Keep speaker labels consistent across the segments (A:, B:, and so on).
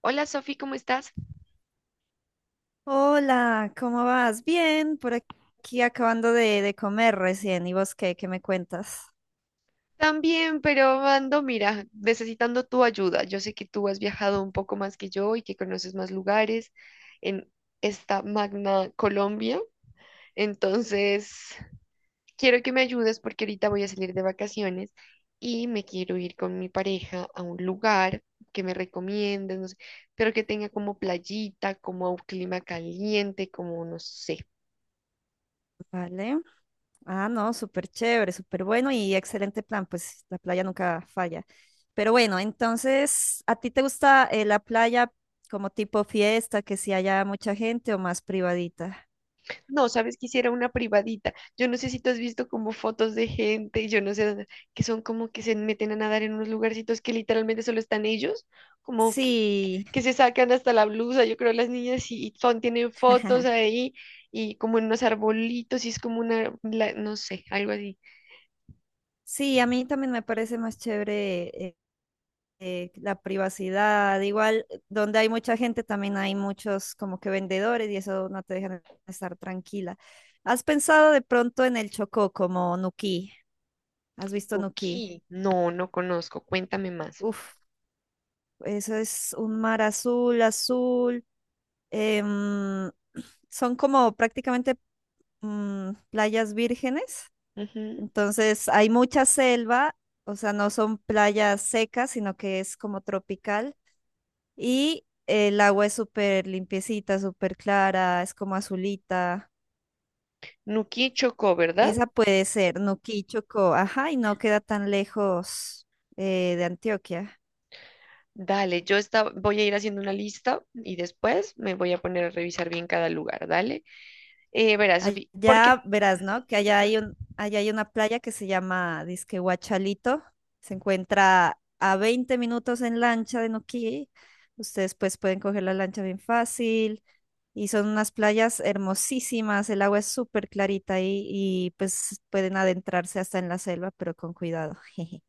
A: Hola Sofi, ¿cómo estás?
B: Hola, ¿cómo vas? Bien, por aquí acabando de comer recién. ¿Y vos qué me cuentas?
A: También, pero ando, mira, necesitando tu ayuda. Yo sé que tú has viajado un poco más que yo y que conoces más lugares en esta magna Colombia. Entonces, quiero que me ayudes porque ahorita voy a salir de vacaciones y me quiero ir con mi pareja a un lugar que me recomiendes, no sé, pero que tenga como playita, como un clima caliente, como no sé.
B: Vale. Ah, no, súper chévere, súper bueno y excelente plan, pues la playa nunca falla. Pero bueno, entonces, ¿a ti te gusta la playa como tipo fiesta, que si haya mucha gente o más privadita?
A: No, sabes, quisiera una privadita. Yo no sé si tú has visto como fotos de gente, yo no sé, que son como que se meten a nadar en unos lugarcitos que literalmente solo están ellos, como
B: Sí,
A: que se sacan hasta la blusa, yo creo las niñas y son, tienen fotos ahí y como en unos arbolitos y es como una, no sé, algo así.
B: sí, a mí también me parece más chévere la privacidad, igual donde hay mucha gente también hay muchos como que vendedores y eso no te dejan estar tranquila. ¿Has pensado de pronto en el Chocó como Nuquí? ¿Has visto Nuquí?
A: Nuki, no, no conozco, cuéntame más.
B: Uf, eso es un mar azul, azul. em, Son como prácticamente playas vírgenes,
A: Ujú.
B: entonces hay mucha selva, o sea, no son playas secas, sino que es como tropical. Y el agua es súper limpiecita, súper clara, es como azulita.
A: Nuki Chocó, ¿verdad?
B: Esa puede ser Nuquí, Chocó. Ajá, y no queda tan lejos de Antioquia.
A: Dale, yo voy a ir haciendo una lista y después me voy a poner a revisar bien cada lugar, dale. Verás, Sofi, porque
B: Allá verás, ¿no? Que
A: ajá.
B: allá hay una playa que se llama Disque Guachalito. Se encuentra a 20 minutos en lancha de Nuquí. Ustedes pues pueden coger la lancha bien fácil. Y son unas playas hermosísimas, el agua es súper clarita y pues pueden adentrarse hasta en la selva, pero con cuidado. jeje.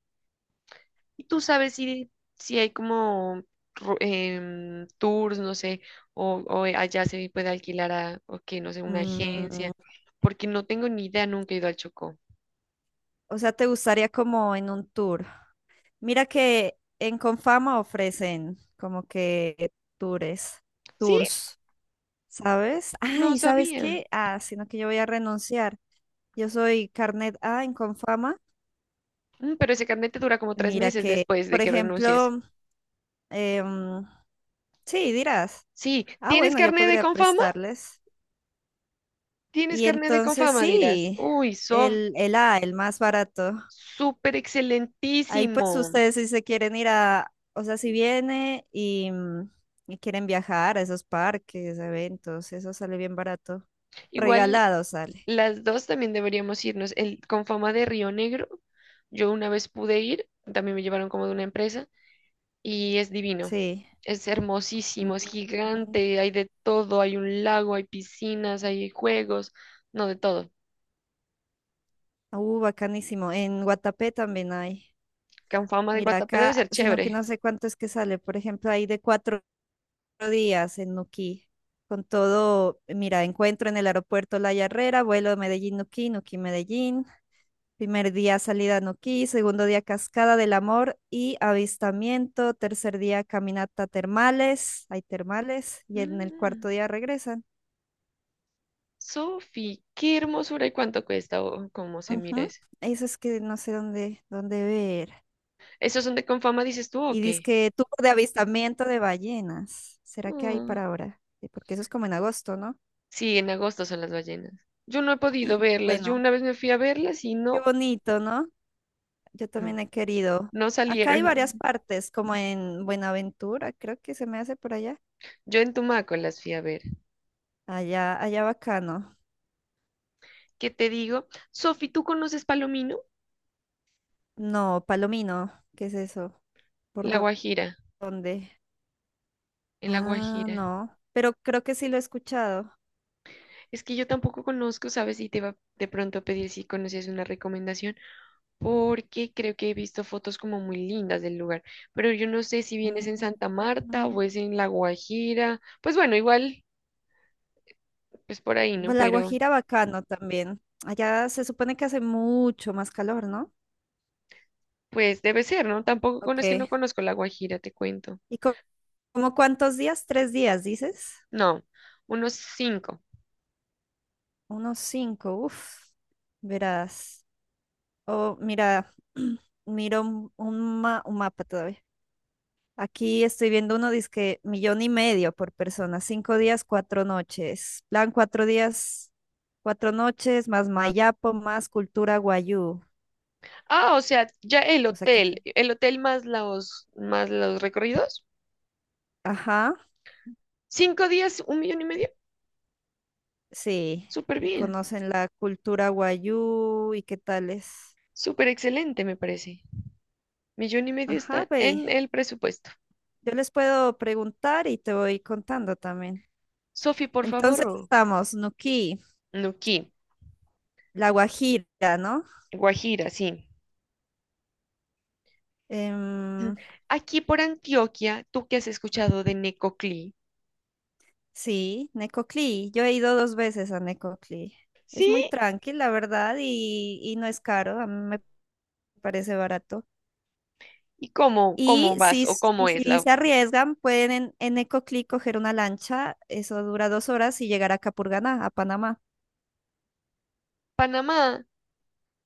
A: Y tú sabes si hay como tours, no sé, o allá se puede alquilar a, o que, no sé, una
B: Mm,
A: agencia, porque no tengo ni idea, nunca he ido al Chocó.
B: o sea, te gustaría como en un tour. Mira que en Confama ofrecen como que tours,
A: Sí,
B: tours, ¿sabes? Ah,
A: no
B: ¿y sabes
A: sabía.
B: qué? Ah, sino que yo voy a renunciar. Yo soy carnet A en Confama.
A: Mm, pero ese carnet te dura como tres
B: Mira
A: meses
B: que,
A: después de
B: por
A: que renuncies.
B: ejemplo, em, sí, dirás,
A: Sí,
B: ah,
A: ¿tienes
B: bueno, yo
A: carnet de
B: podría
A: Confama?
B: prestarles.
A: ¿Tienes
B: Y
A: carnet de
B: entonces
A: Confama? Dirás.
B: sí,
A: Uy, Sof,
B: el A, el más barato.
A: súper
B: Ahí pues
A: excelentísimo.
B: ustedes si se quieren ir a, o sea, si viene y, y quieren viajar a esos parques, eventos, eso sale bien barato.
A: Igual
B: Regalado sale,
A: las dos también deberíamos irnos. El con fama de Río Negro, yo una vez pude ir, también me llevaron como de una empresa y es divino.
B: sí.
A: Es hermosísimo, es
B: Ujú.
A: gigante, hay de todo, hay un lago, hay piscinas, hay juegos, no de todo.
B: Bacanísimo. En Guatapé también hay.
A: Con fama de
B: Mira
A: Guatapé debe
B: acá,
A: ser
B: sino que
A: chévere.
B: no sé cuánto es que sale. Por ejemplo, hay de 4 días en Nuquí, con todo, mira, encuentro en el aeropuerto La Yarrera, vuelo Medellín-Nuquí, Nuquí-Medellín, primer día salida a Nuquí, segundo día Cascada del Amor y avistamiento, tercer día caminata termales, hay termales, y en el cuarto
A: Mm,
B: día regresan.
A: Sofi, qué hermosura y cuánto cuesta o cómo se mira
B: Ujú.
A: eso.
B: Eso es que no sé dónde ver.
A: ¿Esos son de Confama, dices tú o
B: Y
A: qué?
B: dice que tour de avistamiento de ballenas. ¿Será que hay para ahora? Porque eso es como en agosto, ¿no?
A: Sí, en agosto son las ballenas. Yo no he podido verlas. Yo
B: Bueno,
A: una vez me fui a verlas y
B: qué
A: no,
B: bonito, ¿no? Yo
A: mm,
B: también he querido.
A: no
B: Acá hay varias
A: salieron.
B: partes, como en Buenaventura, creo que se me hace por allá.
A: Yo en Tumaco las fui a ver.
B: Allá, allá bacano.
A: ¿Qué te digo? Sofi, ¿tú conoces Palomino?
B: No, Palomino, ¿qué es eso?
A: En
B: ¿Por
A: La
B: dó-
A: Guajira,
B: dónde?
A: en La
B: Ah,
A: Guajira.
B: no, pero creo que sí lo he escuchado.
A: Es que yo tampoco conozco, ¿sabes? Y te iba de pronto a pedir si conocías una recomendación, porque creo que he visto fotos como muy lindas del lugar. Pero yo no sé si
B: Mm,
A: vienes en Santa Marta o es
B: mm.
A: en La Guajira. Pues bueno, igual, pues por ahí, ¿no?
B: Pues, La
A: Pero
B: Guajira bacano también. Allá se supone que hace mucho más calor, ¿no?
A: pues debe ser, ¿no? Tampoco con,
B: Ok.
A: es que no conozco La Guajira, te cuento.
B: ¿Y como cuántos días? 3 días, dices.
A: No, unos cinco.
B: Unos cinco, uff. Verás. Oh, mira, miro un mapa todavía. Aquí estoy viendo uno, dice millón y medio por persona, 5 días, 4 noches. Plan 4 días, 4 noches, más Mayapo, más cultura guayú.
A: Ah, o sea, ya el
B: O sea
A: hotel, el hotel más los recorridos.
B: ajá,
A: 5 días, 1,5 millones.
B: sí.
A: Súper
B: Y
A: bien,
B: conocen la cultura guayú y qué tales.
A: súper excelente, me parece. 1,5 millones
B: Ajá,
A: está
B: ve.
A: en el presupuesto.
B: Yo les puedo preguntar y te voy contando también.
A: Sofi, por
B: Entonces
A: favor.
B: estamos, Nuquí,
A: Nuquí,
B: La Guajira, ¿no?
A: Guajira, sí. Mm.
B: Em,
A: Aquí por Antioquia, ¿tú qué has escuchado de Necoclí?
B: Sí, Necoclí. Yo he ido dos veces a Necoclí. Es
A: ¿Sí?
B: muy tranqui, la verdad, y no es caro. A mí me parece barato.
A: ¿Y cómo
B: Y
A: vas
B: si,
A: o
B: s- y
A: cómo es
B: si
A: la
B: se arriesgan, pueden en Necoclí coger una lancha. Eso dura 2 horas y llegar a Capurganá, a Panamá.
A: Panamá?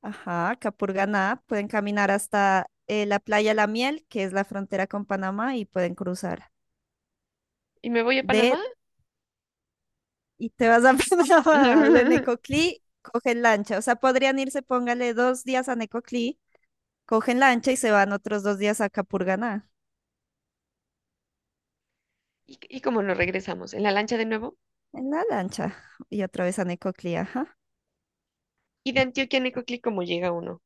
B: Ajá, Capurganá. Pueden caminar hasta la playa La Miel, que es la frontera con Panamá, y pueden cruzar.
A: ¿Y me voy a
B: De,
A: Panamá?
B: y te vas a Panamá, de Necoclí, cogen lancha. O sea, podrían irse, póngale 2 días a Necoclí. Cogen lancha y se van otros 2 días a Capurganá,
A: ¿Y cómo nos regresamos? ¿En la lancha de nuevo?
B: en la lancha, y otra vez a Necoclí, ajá.
A: ¿Y de Antioquia a Necoclí cómo llega uno?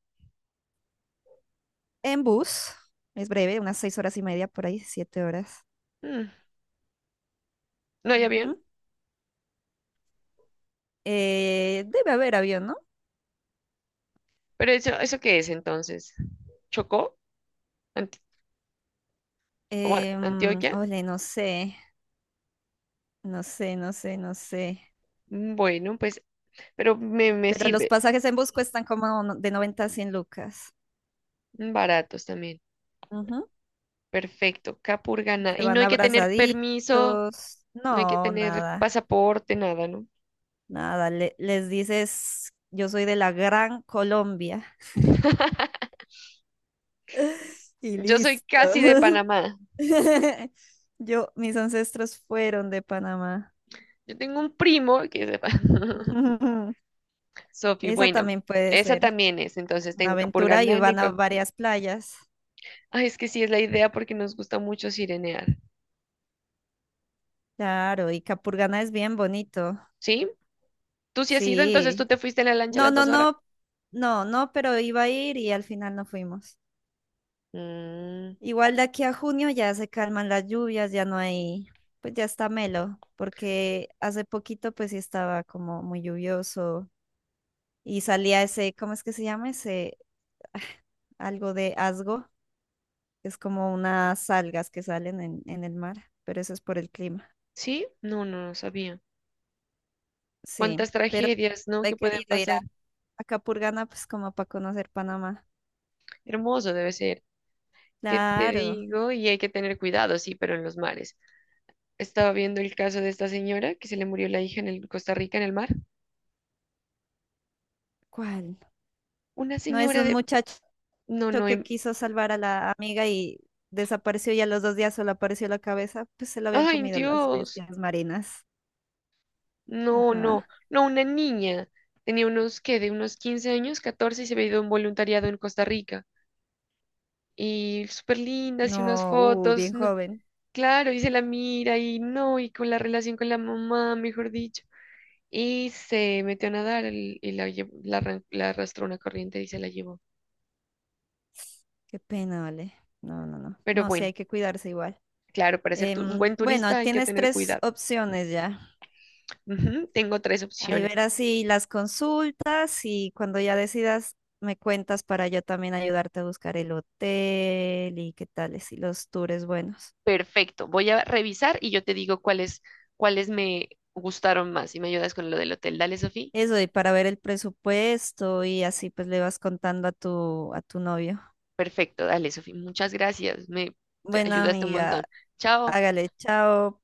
B: En bus, es breve, unas 6 horas y media por ahí, 7 horas.
A: Mm, ¿No hay avión?
B: Ujú. Debe haber avión, ¿no?
A: ¿Pero eso qué es entonces? ¿Chocó? Ant- o
B: Em,
A: ¿Antioquia?
B: ole, no sé, no sé, no sé, no sé.
A: Mm, bueno, pues, pero me
B: Pero los
A: sirve.
B: pasajes en bus cuestan como de 90 a 100 lucas.
A: Baratos también.
B: Ujú.
A: Perfecto.
B: Y
A: Capurganá.
B: se
A: Y no
B: van
A: hay que tener
B: abrazaditos.
A: permiso, no hay que
B: No,
A: tener
B: nada,
A: pasaporte, nada, ¿no?
B: nada. Les dices, yo soy de la Gran Colombia. Y
A: Yo soy casi de
B: listo.
A: Panamá.
B: Yo, mis ancestros fueron de Panamá.
A: Yo tengo un primo que es de Panamá. Sofi,
B: Esa
A: bueno,
B: también puede
A: esa
B: ser
A: también es. Entonces
B: una
A: tengo
B: aventura y
A: Capurganá,
B: van a varias playas.
A: ay, es que sí es la idea porque nos gusta mucho sirenear.
B: Claro, y Capurganá es bien bonito.
A: ¿Sí? ¿Tú sí has ido? Entonces tú
B: Sí.
A: te fuiste en la lancha a
B: No,
A: las
B: no,
A: 2 horas.
B: no, no, no, pero iba a ir y al final no fuimos.
A: Mm,
B: Igual de aquí a junio ya se calman las lluvias, ya no hay, pues ya está melo, porque hace poquito pues sí estaba como muy lluvioso y salía ese, ¿cómo es que se llama? Ese, ah, algo de asgo, es como unas algas que salen en el mar, pero eso es por el clima.
A: ¿sí? No, no, no sabía.
B: Sí,
A: Cuántas
B: pero
A: tragedias, ¿no?
B: he
A: Que pueden
B: querido ir a,
A: pasar.
B: a Capurganá, pues como para conocer Panamá.
A: Hermoso debe ser. ¿Qué te
B: Claro,
A: digo? Y hay que tener cuidado, sí, pero en los mares. Estaba viendo el caso de esta señora que se le murió la hija en el Costa Rica en el mar.
B: ¿cuál?
A: Una
B: No es de
A: señora
B: un
A: de...
B: muchacho
A: No, no.
B: que quiso salvar a la amiga y desapareció y a los 2 días solo apareció la cabeza, pues se lo habían
A: Ay,
B: comido las
A: Dios.
B: bestias marinas.
A: No, no.
B: Ajá.
A: No, una niña. Tenía unos, ¿qué? De unos 15 años, 14 y se había ido a un voluntariado en Costa Rica. Y súper lindas y unas
B: No, bien
A: fotos, no,
B: joven.
A: claro, y se la mira y no, y con la relación con la mamá, mejor dicho, y se metió a nadar y la, la, la arrastró una corriente y se la llevó.
B: Qué pena, vale. No, no, no.
A: Pero
B: No, sí,
A: bueno,
B: hay que cuidarse igual.
A: claro, para ser un
B: Em,
A: buen
B: bueno,
A: turista hay que
B: tienes
A: tener
B: tres
A: cuidado.
B: opciones ya.
A: Ujú, tengo tres
B: Ahí
A: opciones.
B: verás si las consultas y cuando ya decidas me cuentas para yo también ayudarte a buscar el hotel y qué tales y si los tours buenos.
A: Perfecto, voy a revisar y yo te digo cuáles, me gustaron más y me ayudas con lo del hotel. Dale, Sofía.
B: Eso, y para ver el presupuesto y así pues le vas contando a tu novio.
A: Perfecto, dale, Sofía. Muchas gracias. Me te
B: Bueno,
A: ayudaste un
B: amiga,
A: montón. Chao.
B: hágale, chao.